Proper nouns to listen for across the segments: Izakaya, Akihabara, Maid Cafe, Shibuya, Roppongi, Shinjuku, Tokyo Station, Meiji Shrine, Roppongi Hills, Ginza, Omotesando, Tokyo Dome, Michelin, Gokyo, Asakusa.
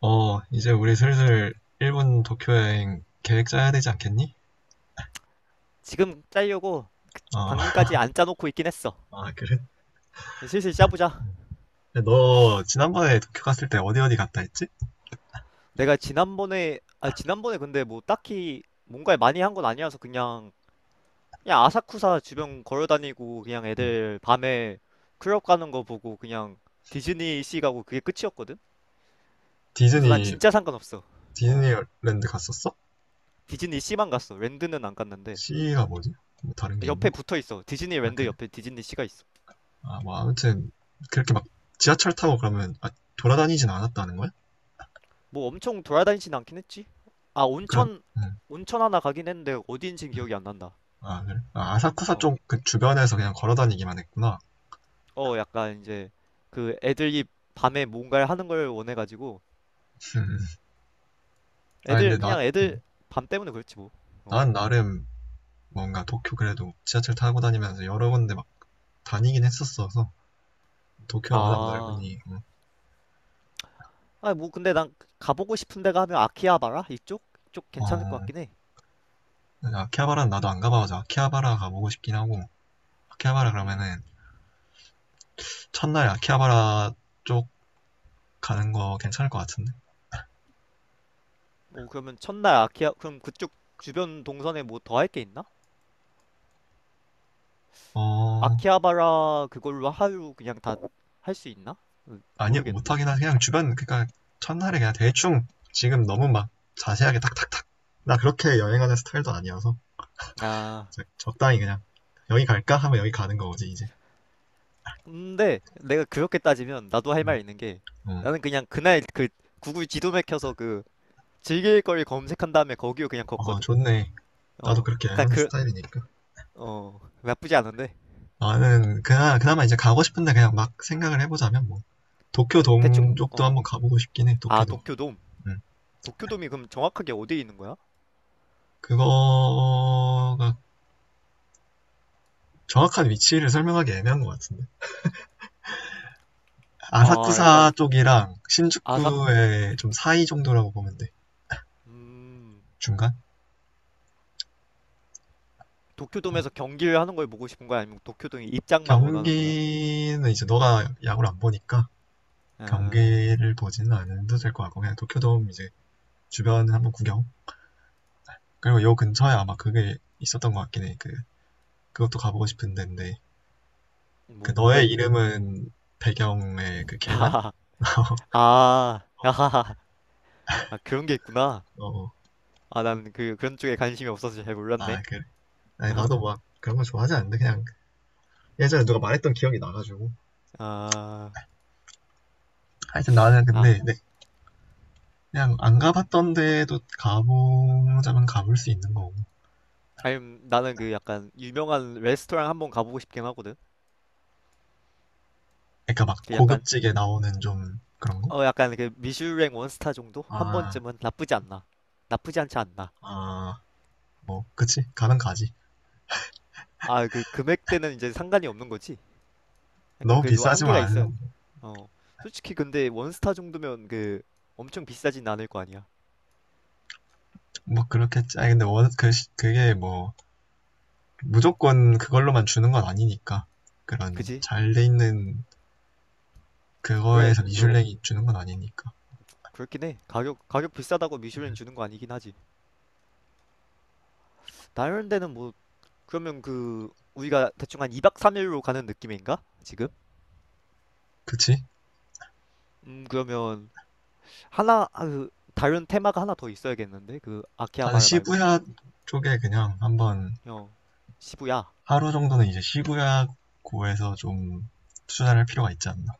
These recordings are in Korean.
어, 이제 우리 슬슬 일본 도쿄 여행 계획 짜야 되지 않겠니? 지금 짜려고. 어. 방금까지 안 짜놓고 있긴 했어. 아, 그래? 슬슬 짜보자. 너 지난번에 도쿄 갔을 때 어디 어디 갔다 했지? 내가 지난번에 근데 뭐 딱히 뭔가를 많이 한 건 아니어서 그냥 아사쿠사 주변 걸어다니고 그냥 응. 애들 밤에 클럽 가는 거 보고 그냥 디즈니 씨 가고 그게 끝이었거든? 그래서 난 디즈니, 진짜 상관없어. 어. 디즈니랜드 갔었어? 디즈니 씨만 갔어. 랜드는 안 갔는데. C가 뭐지? 뭐 다른 게 있나? 옆에 붙어 있어. 디즈니 아, 랜드 그, 옆에 디즈니 씨가 있어. 아, 뭐 아무튼 그렇게 막 지하철 타고 그러면, 아, 돌아다니진 않았다는 거야? 뭐 엄청 돌아다니진 않긴 했지. 아, 그럼, 온천, 응. 온천 하나 가긴 했는데 어디인는 기억이 안 난다. 아, 그래? 아, 아사쿠사 어. 쪽 그 주변에서 그냥 걸어 다니기만 했구나. 어, 약간 이제 그 애들이 밤에 뭔가를 하는 걸 원해가지고 음. 아, 애들 근데 나, 그냥 애들 응. 밤 때문에 그렇지 뭐. 어. 난 나름 뭔가 도쿄 그래도 지하철 타고 다니면서 여러 군데 다니긴 했었어서. 도쿄가 워낙 아, 넓으니. 아, 뭐 근데 난 가보고 싶은 데가 하면 아키하바라 이쪽 어, 괜찮을 것 같긴 해. 아키하바라는 나도 안 가봐서 아키하바라 가보고 싶긴 하고, 아키하바라 음, 그러면은 첫날 아키하바라 쪽 가는 거 괜찮을 것 같은데. 뭐 그러면 첫날 아키하 그럼 그쪽 주변 동선에 뭐 더 할 게 있나? 어, 아키하바라 그걸로 하루 그냥 다 할 수 있나? 어, 아니 모르겠네. 못하긴 하지. 그냥 주변, 그러니까 첫날에 그냥 대충. 지금 너무 막 자세하게 탁탁탁, 나 그렇게 여행하는 스타일도 아니어서 아, 적당히, 그냥 여기 갈까 하면 여기 가는 거지 이제. 근데 내가 그렇게 따지면 나도 할 응. 말 있는 게 나는 그냥 그날 그 구글 지도 맥혀서 그 즐길 걸 검색한 다음에 거기로 그냥 어, 어 걷거든. 좋네. 나도 어, 그렇게 약간 여행하는 그, 스타일이니까. 어, 나쁘지 않은데. 나는 그나, 그나마 이제 가고 싶은데, 그냥 막 생각을 해보자면 뭐 도쿄 그럼 대충, 동쪽도 어, 한번 가보고 싶긴 해. 아, 도쿄도. 도쿄돔. 음. 도쿄돔이 그럼 정확하게 어디에 있는 거야? 그거가, 정확한 위치를 설명하기 애매한 것 같은데 아, 약간 아사쿠사 쪽이랑 아삭, 신주쿠의 좀 사이 정도라고 보면 돼. 음, 중간. 도쿄돔에서 경기를 하는 걸 보고 싶은 거야? 아니면 도쿄돔이 입장만 원하는 거야? 경기는 이제 너가 야구를 안 보니까 아, 경기를 보지는 않아도 될 것 같고, 그냥 도쿄돔 이제 주변 한번 구경. 그리고 요 근처에 아마 그게 있었던 것 같긴 해그. 그것도 가보고 싶은 데인데, 그 뭐가 너의 있는데? 이름은 배경의 그 계단? 아, 어, 아, 아, 그런 게 있구나. 어. 아, 나는 그런 쪽에 관심이 없어서 잘 몰랐네. 아, 그래. 아니, 나도 막 그런 거 좋아하지 않는데, 그냥 예전에 누가 말했던 기억이 나가지고. 아, 하여튼 나는 아, 근데, 네, 그냥 안 가봤던 데도 가보자면 가볼 수 있는 거고. 아니, 나는 그 약간 유명한 레스토랑 한번 가보고 싶긴 하거든. 그러니까 막 그 약간 고급지게 나오는 좀 그런 거? 어 약간 그 미슐랭 원스타 정도 한 아, 번쯤은 나쁘지 않나. 나쁘지 않지 않나. 아, 뭐, 그치. 가면 가지. 아, 그 금액대는 이제 상관이 없는 거지. 약간 너무 그래도 비싸지만 한계가 있어. 않은. 어, 솔직히 근데 원스타 정도면 그 엄청 비싸진 않을 거 아니야. 뭐, 그렇겠지. 아니, 근데 원, 그, 그게 뭐, 무조건 그걸로만 주는 건 아니니까. 그런 그지? 잘 돼 있는 그거에서 그래, 그 어, 미슐랭이 주는 건 아니니까. 그렇긴 해. 가격 비싸다고 미슐랭 주는 거 아니긴 하지. 다른 데는 뭐 그러면 그 우리가 대충 한 2박 3일로 가는 느낌인가? 지금? 그치? 그러면 그 다른 테마가 하나 더 있어야겠는데 그 나는 아키하바라 말고 시부야 쪽에 그냥 한번 어, 시부야 하루 정도는 이제 시부야 고에서 좀 투자를 할 필요가 있지 않나.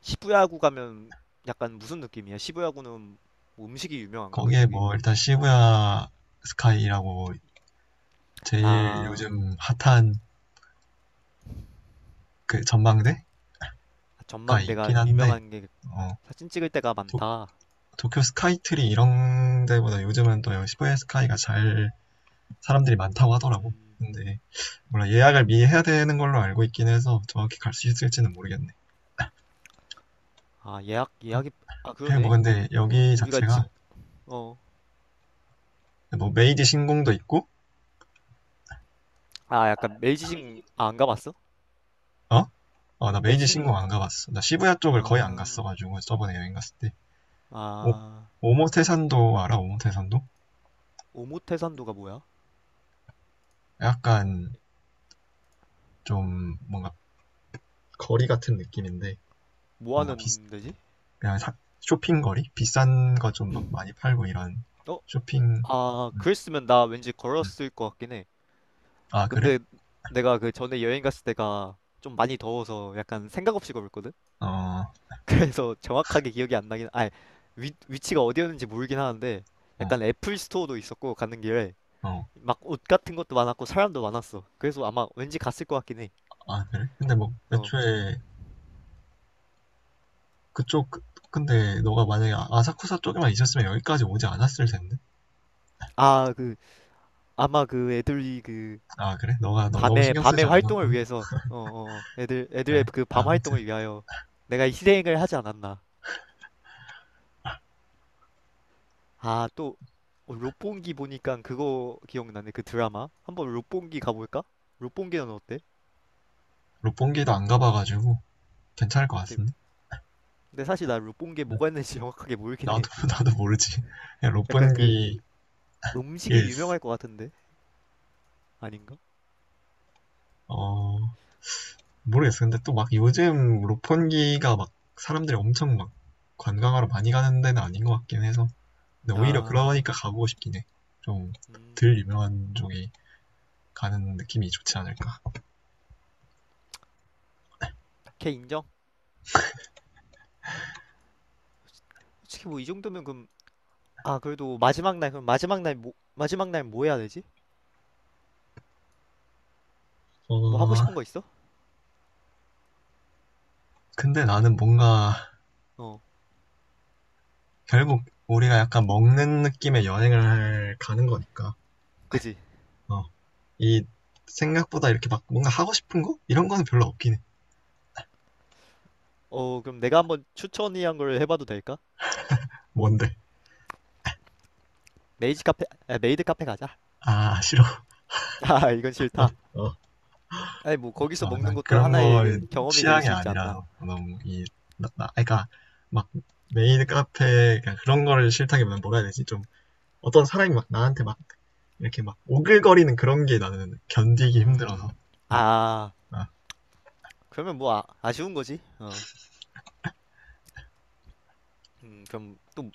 시부야구 가면 약간 무슨 느낌이야? 시부야구는 뭐 음식이 유명한가 거기에 그쪽이? 뭐 일단 시부야 스카이라고 제일 아, 요즘 핫한 그 전망대가 전망대가 있긴 한데, 유명한 게 어, 사진 찍을 때가 도, 많다. 도쿄 스카이트리 이런 데보다 요즘은 또 시부야 스카이가 잘 사람들이 많다고 하더라고. 음, 근데 몰라, 예약을 미리 해야 되는 걸로 알고 있긴 해서 정확히 갈 수 있을지는 모르겠네. 아, 예약이 아, 그래, 뭐, 그러네. 근데 우, 여기 우리가 찍어 자체가, 아. 뭐, 메이지 신공도 있고. 약간 메이지 신궁 아, 안 가봤어? 어? 어, 나 메이지 메이지 신궁 신공 안 가봤어. 나 시부야 쪽을 거의 안 아, 갔어가지고, 저번에 여행 갔을 때. 오, 아. 오모테산도 알아? 오모테산도? 오모테산도가 뭐야? 약간, 좀, 뭔가 거리 같은 느낌인데, 뭐 뭔가 비, 하는 데지? 그냥 쇼핑거리? 비싼 거 좀 막 많이 팔고 이런 어? 쇼핑. 아, 음, 그랬으면 나 왠지 음. 걸었을 것 같긴 해. 아, 그래? 근데 내가 그 전에 여행 갔을 때가 좀 많이 더워서 약간 생각 없이 걸었거든? 어, 그래서 정확하게 기억이 안 나긴, 아니, 위치가 어디였는지 모르긴 하는데 어, 약간 애플 스토어도 있었고 가는 길에 어. 막 옷 같은 것도 많았고 사람도 많았어. 그래서 아마 왠지 갔을 것 같긴 해. 아, 그래? 근데 뭐, 어. 애초에, 그쪽, 근데 너가 만약에 아사쿠사 쪽에만 있었으면 여기까지 오지 않았을 텐데. 아, 그, 아마 그 애들이 그 아, 그래? 너가 너, 너무 밤에, 신경 밤에 쓰지 않았거 활동을 든 위해서, 어, 어, 어. 애들의 그래. 그 밤 아무튼 활동을 위하여 내가 이 희생을 하지 않았나. 아, 또 어, 롯본기 보니까 그거 기억나네. 그 드라마. 한번 롯본기 가볼까? 롯본기는 어때? 롯본기도 안 가봐가지고 괜찮을 것 근데, 같은데. 근데 사실 나 롯본기에 뭐가 있는지 정확하게 모르긴 나도 해. 나도 모르지. 그냥 약간 그 롯본기 음식이 힐스. 유명할 것 같은데 아닌가? 어, 모르겠어. 근데 또 막 요즘 롯본기가 막 사람들이 엄청 막 관광하러 많이 가는 데는 아닌 것 같긴 해서. 근데 오히려 아, 그러니까 가보고 싶긴 해. 좀 음, 덜 유명한 쪽이 가는 느낌이 좋지 않을까. 걔 인정? 솔직히 뭐 이 정도면 그럼 아, 그래도 마지막 날 마지막 날 뭐 해야 되지? 뭐 하고 어, 싶은 거 있어? 근데 나는 뭔가 어, 결국 우리가 약간 먹는 느낌의 여행을 가는 거니까. 그지? 어, 이 생각보다 이렇게 막 뭔가 하고 싶은 거? 이런 거는 별로 없긴 해. 어, 그럼 내가 한번 추천이한 걸 해봐도 될까? 뭔데? 메이드 카페 가자. 아, 싫어. 아, 이건 어, 싫다. 어. 아니 뭐 거기서 어, 먹는 난 것도 그런 하나의 거 그 경험이 될 취향이 수 있지 않나. 아니라서 너무 이, 그러니까 막 메인 카페, 그러니까 그런 거를 싫다기보다는 뭐라 해야 되지? 좀 어떤 사람이 막 나한테 막 이렇게 막 오글거리는 그런 게 나는 견디기 힘들어서. 음, 아, 아, 그러면 뭐 아, 아쉬운 거지. 어. 그럼 또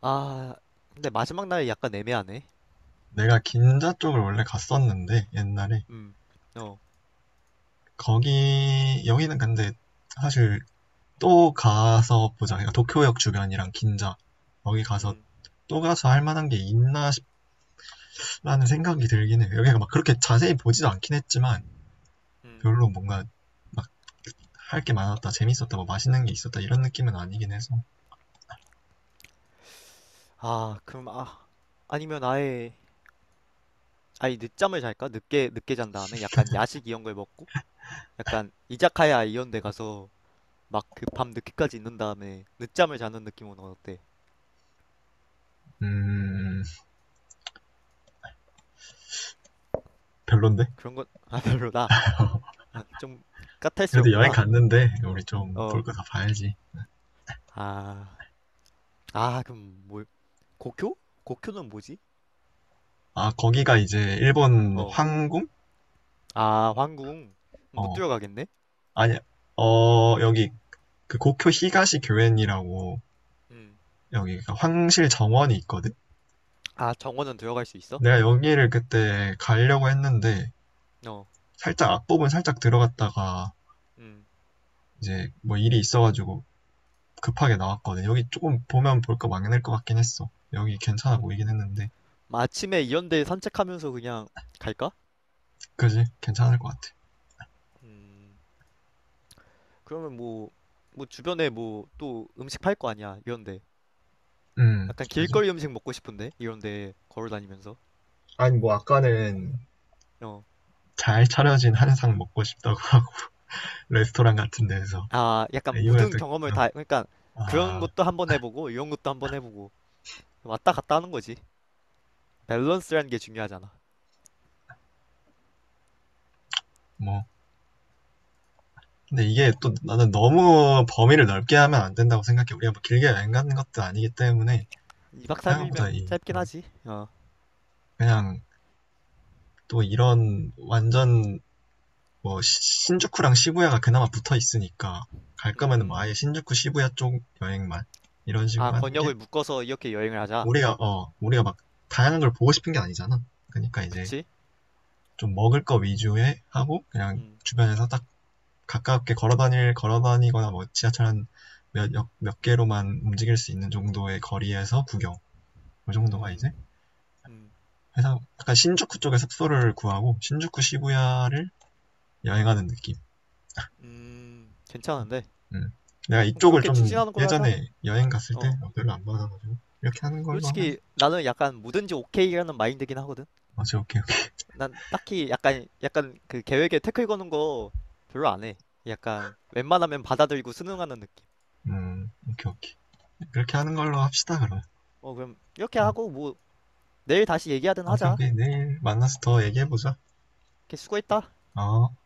아, 근데 마지막 날이 약간 애매하네. 내가 긴자 쪽을 원래 갔었는데 옛날에. 음, 어. 거기 여기는 근데 사실 또 가서 보자. 그러니까 도쿄역 주변이랑 긴자, 여기 가서 음, 또 가서 할 만한 게 있나 싶라는 생각이 들긴 해. 여기가 막 그렇게 자세히 보지도 않긴 했지만 음. 별로 뭔가 막 할 게 많았다, 재밌었다, 뭐 맛있는 게 있었다 이런 느낌은 아니긴 해서. 아, 그럼 아, 아니면 아예 아니, 늦잠을 잘까? 늦게 늦게 잔 다음에 약간 야식 이런 걸 먹고 약간 이자카야 이런 데 가서 막 그 밤 늦게까지 있는 다음에 늦잠을 자는 느낌은 어때? 음, 별론데. 그런 건 아, 별로다. 아, 좀 그래도 여행 까탈스럽구나. 갔는데 우리 어. 좀 볼 어. 거 다 봐야지. 아, 아, 그럼 뭐, 고쿄? 고쿄는 뭐지? 아, 거기가 이제 일본 어, 황궁? 아, 황궁 못 어. 들어가겠네? 아니, 어, 여기 그 고쿄 히가시 교엔이라고, 음, 여기 그 황실 정원이 있거든. 아, 정원은 들어갈 수 있어? 내가 여기를 그때 가려고 했는데 어, 살짝 앞부분 살짝 들어갔다가 음, 이제 뭐 일이 있어가지고 급하게 나왔거든. 여기 조금 보면 볼 거 많을 것 같긴 했어. 여기 괜찮아 보이긴 했는데. 뭐 아침에 이런데 산책하면서 그냥 갈까? 그지? 괜찮을 것 같아. 음. 그러면 뭐 주변에 뭐 또 음식 팔 거 아니야, 이런데. 약간 그지? 길거리 음식 먹고 싶은데, 이런데 걸어 다니면서. 아니 뭐 아까는 어, 잘 차려진 한상 먹고 싶다고 하고 레스토랑 같은 데서. 아, 약간 이번에 모든 또 경험을 어, 다, 그러니까 그런 아, 것도 한번 해보고, 이런 것도 한번 해보고, 왔다 갔다 하는 거지. 밸런스라는 게 중요하잖아. 뭐 근데 이게 또, 나는 너무 범위를 넓게 하면 안 된다고 생각해. 우리가 뭐 길게 여행 가는 것도 아니기 때문에 2박 생각보다 3일면 이, 짧긴 하지. 어. 그냥 또 이런 완전 뭐 신주쿠랑 시부야가 그나마 붙어 있으니까 갈 거면은 뭐 아예 음, 신주쿠 시부야 쪽 여행만 이런 아, 식으로 하는 게. 권역을 묶어서 이렇게 여행을 하자. 우리가 막 다양한 걸 보고 싶은 게 아니잖아. 그러니까 이제 그치? 좀 먹을 거 위주에 하고, 그냥 음, 주변에서 딱 가깝게 걸어 다니거나 뭐 지하철 한몇몇 몇 개로만 움직일 수 있는 정도의 거리에서 구경. 그 정도가 이제 음, 음, 회사 약간 신주쿠 쪽에 숙소를 구하고 신주쿠 음, 시부야를 여행하는 느낌. 괜찮은데. 음. 내가 그럼 이쪽을 그렇게 좀 추진하는 걸로 하자. 예전에 여행 갔을 때 어. 어, 별로 안 받아가지고 이렇게 하는 걸로 하면, 솔직히 나는 약간 뭐든지 오케이라는 마인드긴 하거든. 맞제. 오케이, 오케이. 난 딱히 약간 그 계획에 태클 거는 거 별로 안 해. 약간 웬만하면 받아들이고 순응하는 느낌. 음, 오케이, 오케이. 그렇게 하는 걸로 합시다 그러면. 어, 그럼 이렇게 하고 뭐 내일 다시 얘기하든 오케이, 하자. 오케이. 내일 만나서 더 얘기해보자. 이렇게 수고했다. 어.